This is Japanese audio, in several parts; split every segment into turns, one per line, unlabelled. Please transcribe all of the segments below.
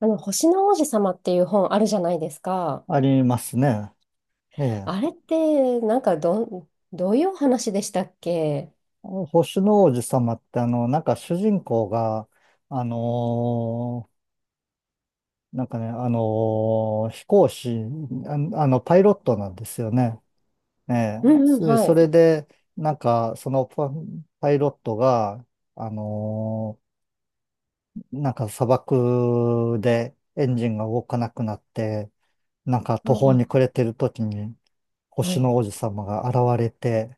星の王子様っていう本あるじゃないですか。
ありますね。ええ。
あれって、なんかどういうお話でしたっけ？
星の王子様ってなんか主人公が、あのーなんかね、飛行士、あ、あの、パイロットなんですよね。ええ。
うんうん、
そ
は
それ
い。
で、なんか、パイロットが、あのーなんか砂漠でエンジンが動かなくなって、なんか
う
途方
ん
に暮れてる時に、
は
星
い。
の王子様が現れて、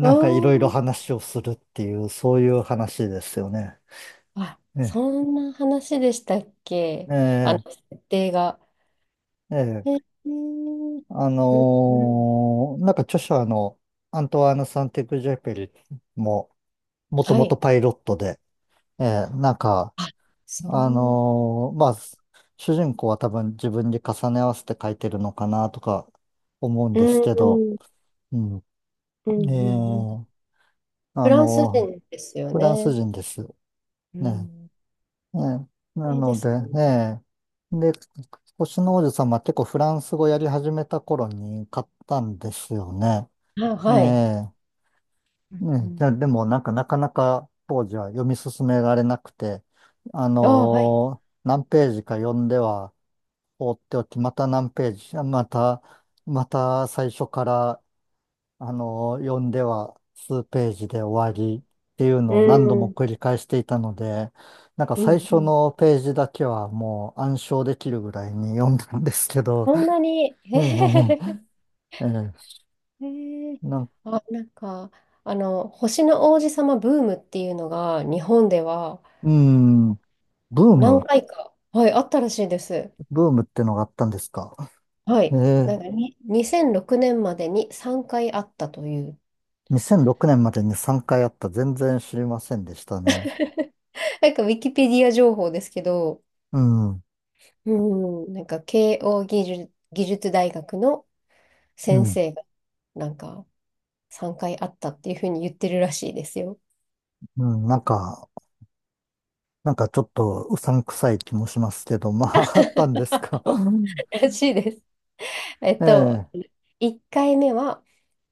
あ
んかいろいろ
ー
話をするっていう、そういう話ですよね。
あ、
ね。
そんな話でしたっけ？
ええ、
設定が。
ええ、
うんうん、
なんか著者のアントワーヌ・サンテグジェペリも、もと
は
もと
い。
パイロットで、ええ、なんか、
あ、そう。
まあ、主人公は多分自分に重ね合わせて書いてるのかなとか思うん
う
ですけど、
んうん
うん、
うんう
え
んうん。
え、
フ
あ
ランス
のー
人ですよ
フランス
ね。
人です。
う
ね。
ん。
ええ、な
で
の
すね。
で、ね。で、星の王子様は結構フランス語やり始めた頃に買ったんですよね。
あ、
え
はい。
え、
うんう
ね、じゃ
ん。
あでもなんかなかなか当時は読み進められなくて、
あ、はい。
何ページか読んでは放っておき、また何ページ、また、また最初からあの、読んでは数ページで終わりっていう
う
のを何度も
ん。
繰り返していたので、なんか
う
最
んう
初
ん。
のページだけはもう暗唱できるぐらいに 読んだんですけど、
そんなに。
うんうんうん、え
えー、
えなん、
あ、なんか、あの、星の王子様ブームっていうのが、日本では
うん、ー
何
ム、
回か、はい、あったらしいです。
ブームってのがあったんですか。
は
え
い。
え。
なんかに、2006年までに3回あったという、
2006年までに3回あった。全然知りませんでしたね。
なんかウィキペディア情報ですけど、
うん、うん、
うん、なんか慶応義塾、義塾大学の先生が、なんか3回あったっていうふうに言ってるらしいですよ。
うん、なんか、なんかちょっとうさんくさい気もしますけど、まあ、あったんで すか。うん。
らしいです。えっと、
ええ。
1回目は、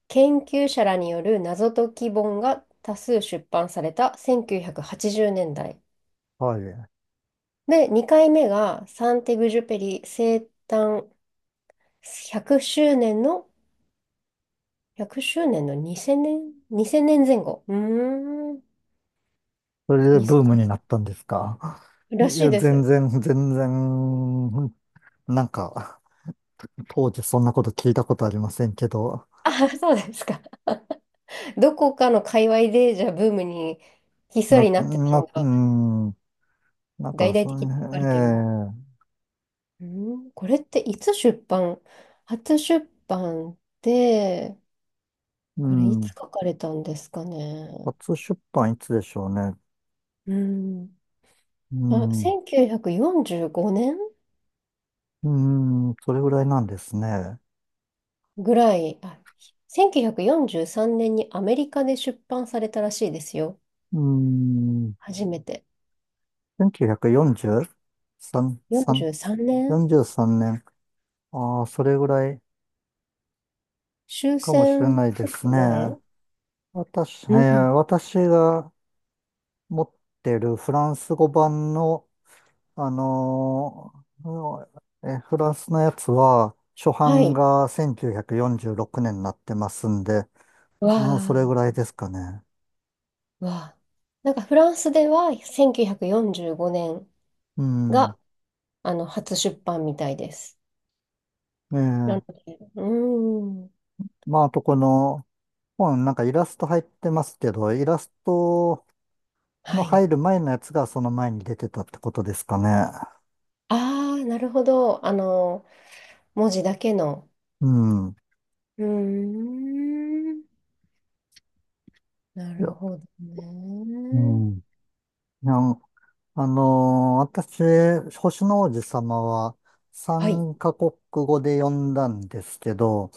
研究者らによる謎解き本が多数出版された1980年代。
はい。
で、2回目がサンテグジュペリ生誕100周年の、100周年の2000 年前後。うーん。
それで
に
ブームになったんですか。
せん
い
らしい
や、
で
全
す。
然、全然、なんか、当時そんなこと聞いたことありませんけど、
あ、そうですか。どこかの界隈で、じゃあブームにひっそりなってたの
う
が、
ん、なん
大
か、
々
そ
的に書かれてる。
のええ。
うーん。これっていつ初出版って、
う
これいつ
ん、
書かれたんですかね。
初出版いつでしょうね。
うん。
う
あ、
ん、
1945年
うん、それぐらいなんですね。
ぐらい、あ、1943年にアメリカで出版されたらしいですよ。
うん、
初めて。
1943、3
43年、
43年。ああ、それぐらい
終
かもしれ
戦ち
ないで
ょっ
す
と前。
ね。私、えー
うん。
私が持ってるフランス語版の、あのーえフランスのやつは、初
は
版
い。
が1946年になってますんで、
わ
まあ、それぐ
あ、
らいですかね。
わあ。なんかフランスでは1945年
うん。
があの初出版みたいです。
え
なの
え。
で、うーん。
まあ、あとこの本、なんかイラスト入ってますけど、イラストの
はい。
入る前のやつがその前に出てたってことですかね。
ああ、なるほど。あの、文字だけの。
うん。
うーん。な
いや、
るほど
う
ね。
ん。いや、私、星の王子様は
はい。
3カ国語で読んだんですけど、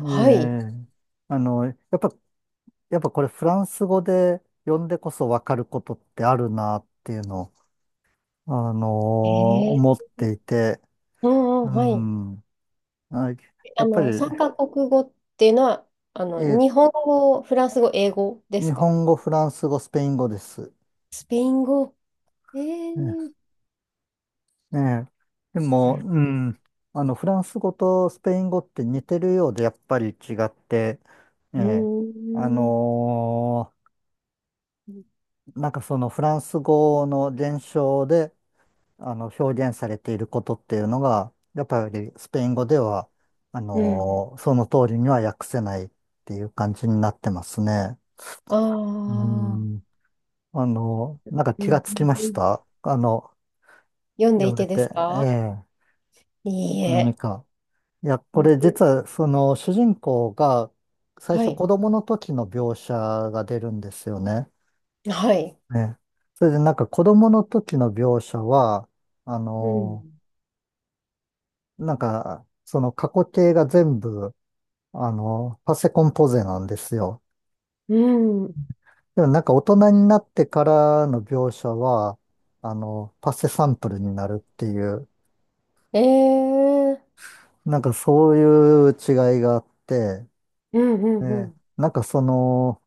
え
はい。
ー、あの、やっぱこれフランス語で読んでこそわかることってあるなっていうのを、
え
思っ
ー
ていて、
うんう
う
ん、はい。
ん。あ、や
あ
っぱり、
の、三カ国語っていうのは、あ
え
の、
ー
日本語、フランス語、英語で
日
すか？
本語、フランス語、スペイン語です。
スペイン語。えー
ねえ。で
う
も、
ん。
うん。あの、フランス語とスペイン語って似てるようで、やっぱり違って、え
う
え。あ
ーん。
のーなんかそのフランス語の伝承で、あの、表現されていることっていうのが、やっぱりスペイン語では、
うん。
その通りには訳せないっていう感じになってますね。
あ
う
あ。
ん。なんか
うんう
気が
ん
つきま
う
し
ん。
た。あの、
読んで
読
い
んで
てで
て、
す
え
か？
え。
いい
何
え。
か。いや、
う
これ実
ん
はその主人公が最
は
初
い。
子供の時の描写が出るんですよね。
はい。
ね。それでなんか子供の時の描写は、あ
う
の、
ん。
なんかその過去形が全部、あの、パセコンポゼなんですよ。
うん。
でもなんか大人になってからの描写は、あの、パセサンプルになるっていう、
ええ。
なんかそういう違いがあって、
うんうんう
ね。
ん。
なんかその、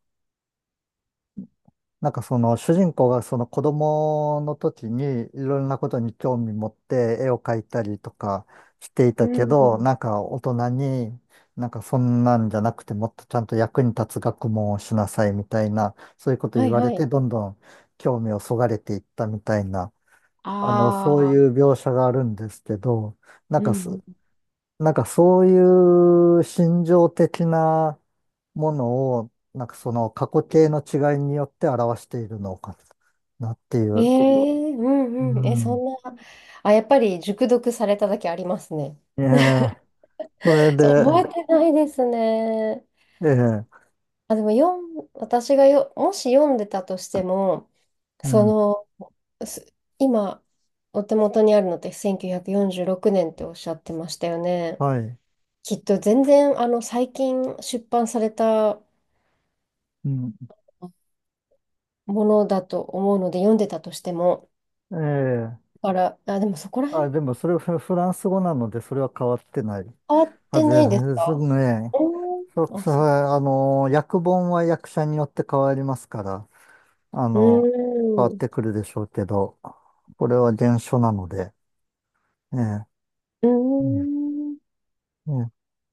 なんかその主人公がその子供の時にいろんなことに興味持って絵を描いたりとかしてい
う
たけど、
ん。
なんか大人になんかそんなんじゃなくてもっとちゃんと役に立つ学問をしなさいみたいな、そういうこと
は
言
い
わ
は
れて
い。
どんどん興味をそがれていったみたいな、
あ
あの、そういう
あ。
描写があるんですけど、なん
う
かす
んう
なんかそういう心情的なものを、なんかその過去形の違いによって表しているのかなってい
ん。え
う。
え、う
う
んうん。え、そ
ん。
んな。あ、やっぱり熟読されただけありますね。
ええ、それ
そう、
で、
覚えてないですね。
ええ、
あ、でも私がよ、もし読んでたとしても、
う
そ
ん、
の、今、お手元にあるのって1946年っておっしゃってましたよね。
はい。
きっと全然、あの、最近出版された
うん、
ものだと思うので、読んでたとしても、
ええ、
から、あ、でもそこら
あ、
辺
でもそれフランス語なのでそれは変わってない
変わっ
は
て
ず
ないです
です
か？
ね。
おー、
そ、
あ、
それ、
そ
あの、訳本は役者によって変わりますから、あ
う。
の、変わ
う
っ
ーん。
てくるでしょうけど、これは原書なので。え
う
え、う
ーん。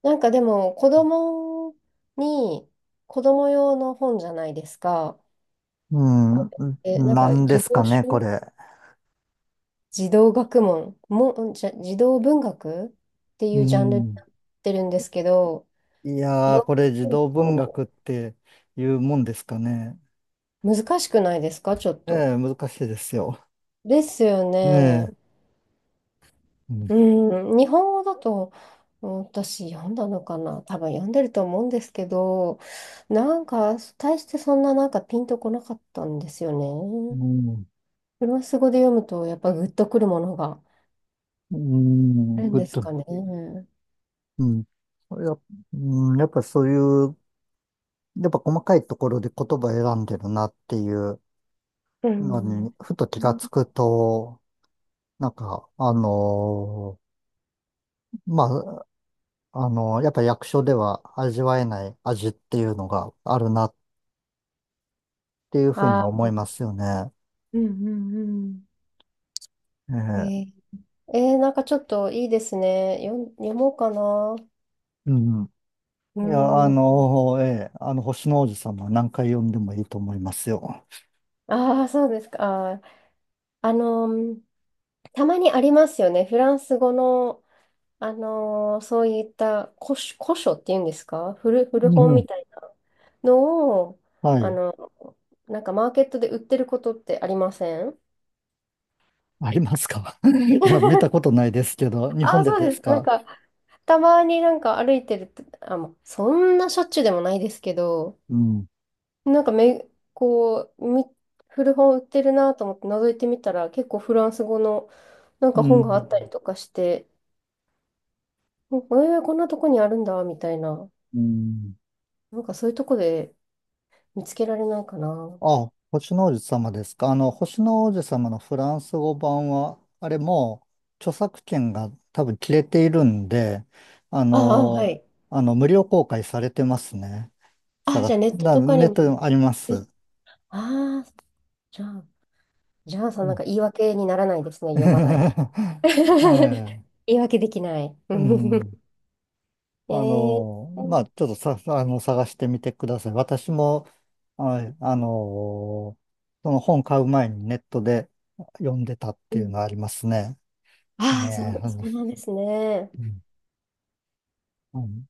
なんかでも、に、子供用の本じゃないですか？
ん、
こう、
うん、
え、なん
な
か、
んで
児
すか
童
ね、こ
書
れ。
児童学問も、んじゃ、児童文学ってい
う
うジャンルに
ん。
なってるんですけど、
いや
読
ー、これ児
む
童文
の、
学っていうもんですかね。
難しくないですかちょっ
え
と。
え、難しいですよ。
ですよ
え
ね。
え、うん、
うん、日本語だと、うん、私読んだのかな、多分読んでると思うんですけど、なんか大してそんな、なんかピンとこなかったんですよ
う
ね。
ん、
フランス語で読むとやっぱグッとくるものがあ
うん
るん
ぶっ
です
と、
かね。
うん。やっ、うん、やっぱそういう、やっぱ細かいところで言葉選んでるなっていう
う
の
ん。
に、ふと気がつくと、なんか、まあ、あの、やっぱ役所では味わえない味っていうのがあるなっていうふうには
あ
思いま
あ、
すよね。
うんうん
え
うん。
え。
なんかちょっといいですね。読もうかな。
うん。
う
いや、あ
ん。
の、ええ、あの、星の王子様は何回読んでもいいと思いますよ。
ああ、そうですか。あのーたまにありますよね。フランス語のそういった古書、古書っていうんですか？古
う
本
ん。
みたいなのを、
は
あ
い。
の、なんかマーケットで売ってることってありません
ありますか？ いや、見たことないですけど、日
あ
本
あ、
で
そう
です
です。なん
か？
か、たまになんか歩いてると、あ、もうそんなしょっちゅうでもないですけど、
うん。
なんかこう、古本売ってるなと思って覗いてみたら、結構フランス語のなん
う
か本があった
ん。
りとかして、えー、こんなとこにあるんだ、みたいな。
うん。
なんかそういうとこで見つけられないかな。
あ、星の王子様ですか。あの、星の王子様のフランス語版は、あれもう著作権が多分切れているんで、あ
ああ、は
の、
い。
あの、無料公開されてますね。
あ、
探
じゃあ
す。
ネット
だ、
とかに
ネットで
も。
もあります。
ああ、じゃあ、じゃあ、その
う
なん
ん。
か言い訳にならないですね、読まない。
え え、
言い訳できない。
うん。
え
あ
ー、
の、まあ、ちょっとさ、あの、探してみてください。私も、はい、あの、その本買う前にネットで読んでたっ
う
ていう
ん。
のはありますね。
ああ、そう、
ね
そう
え。
なんですね。
うん。うん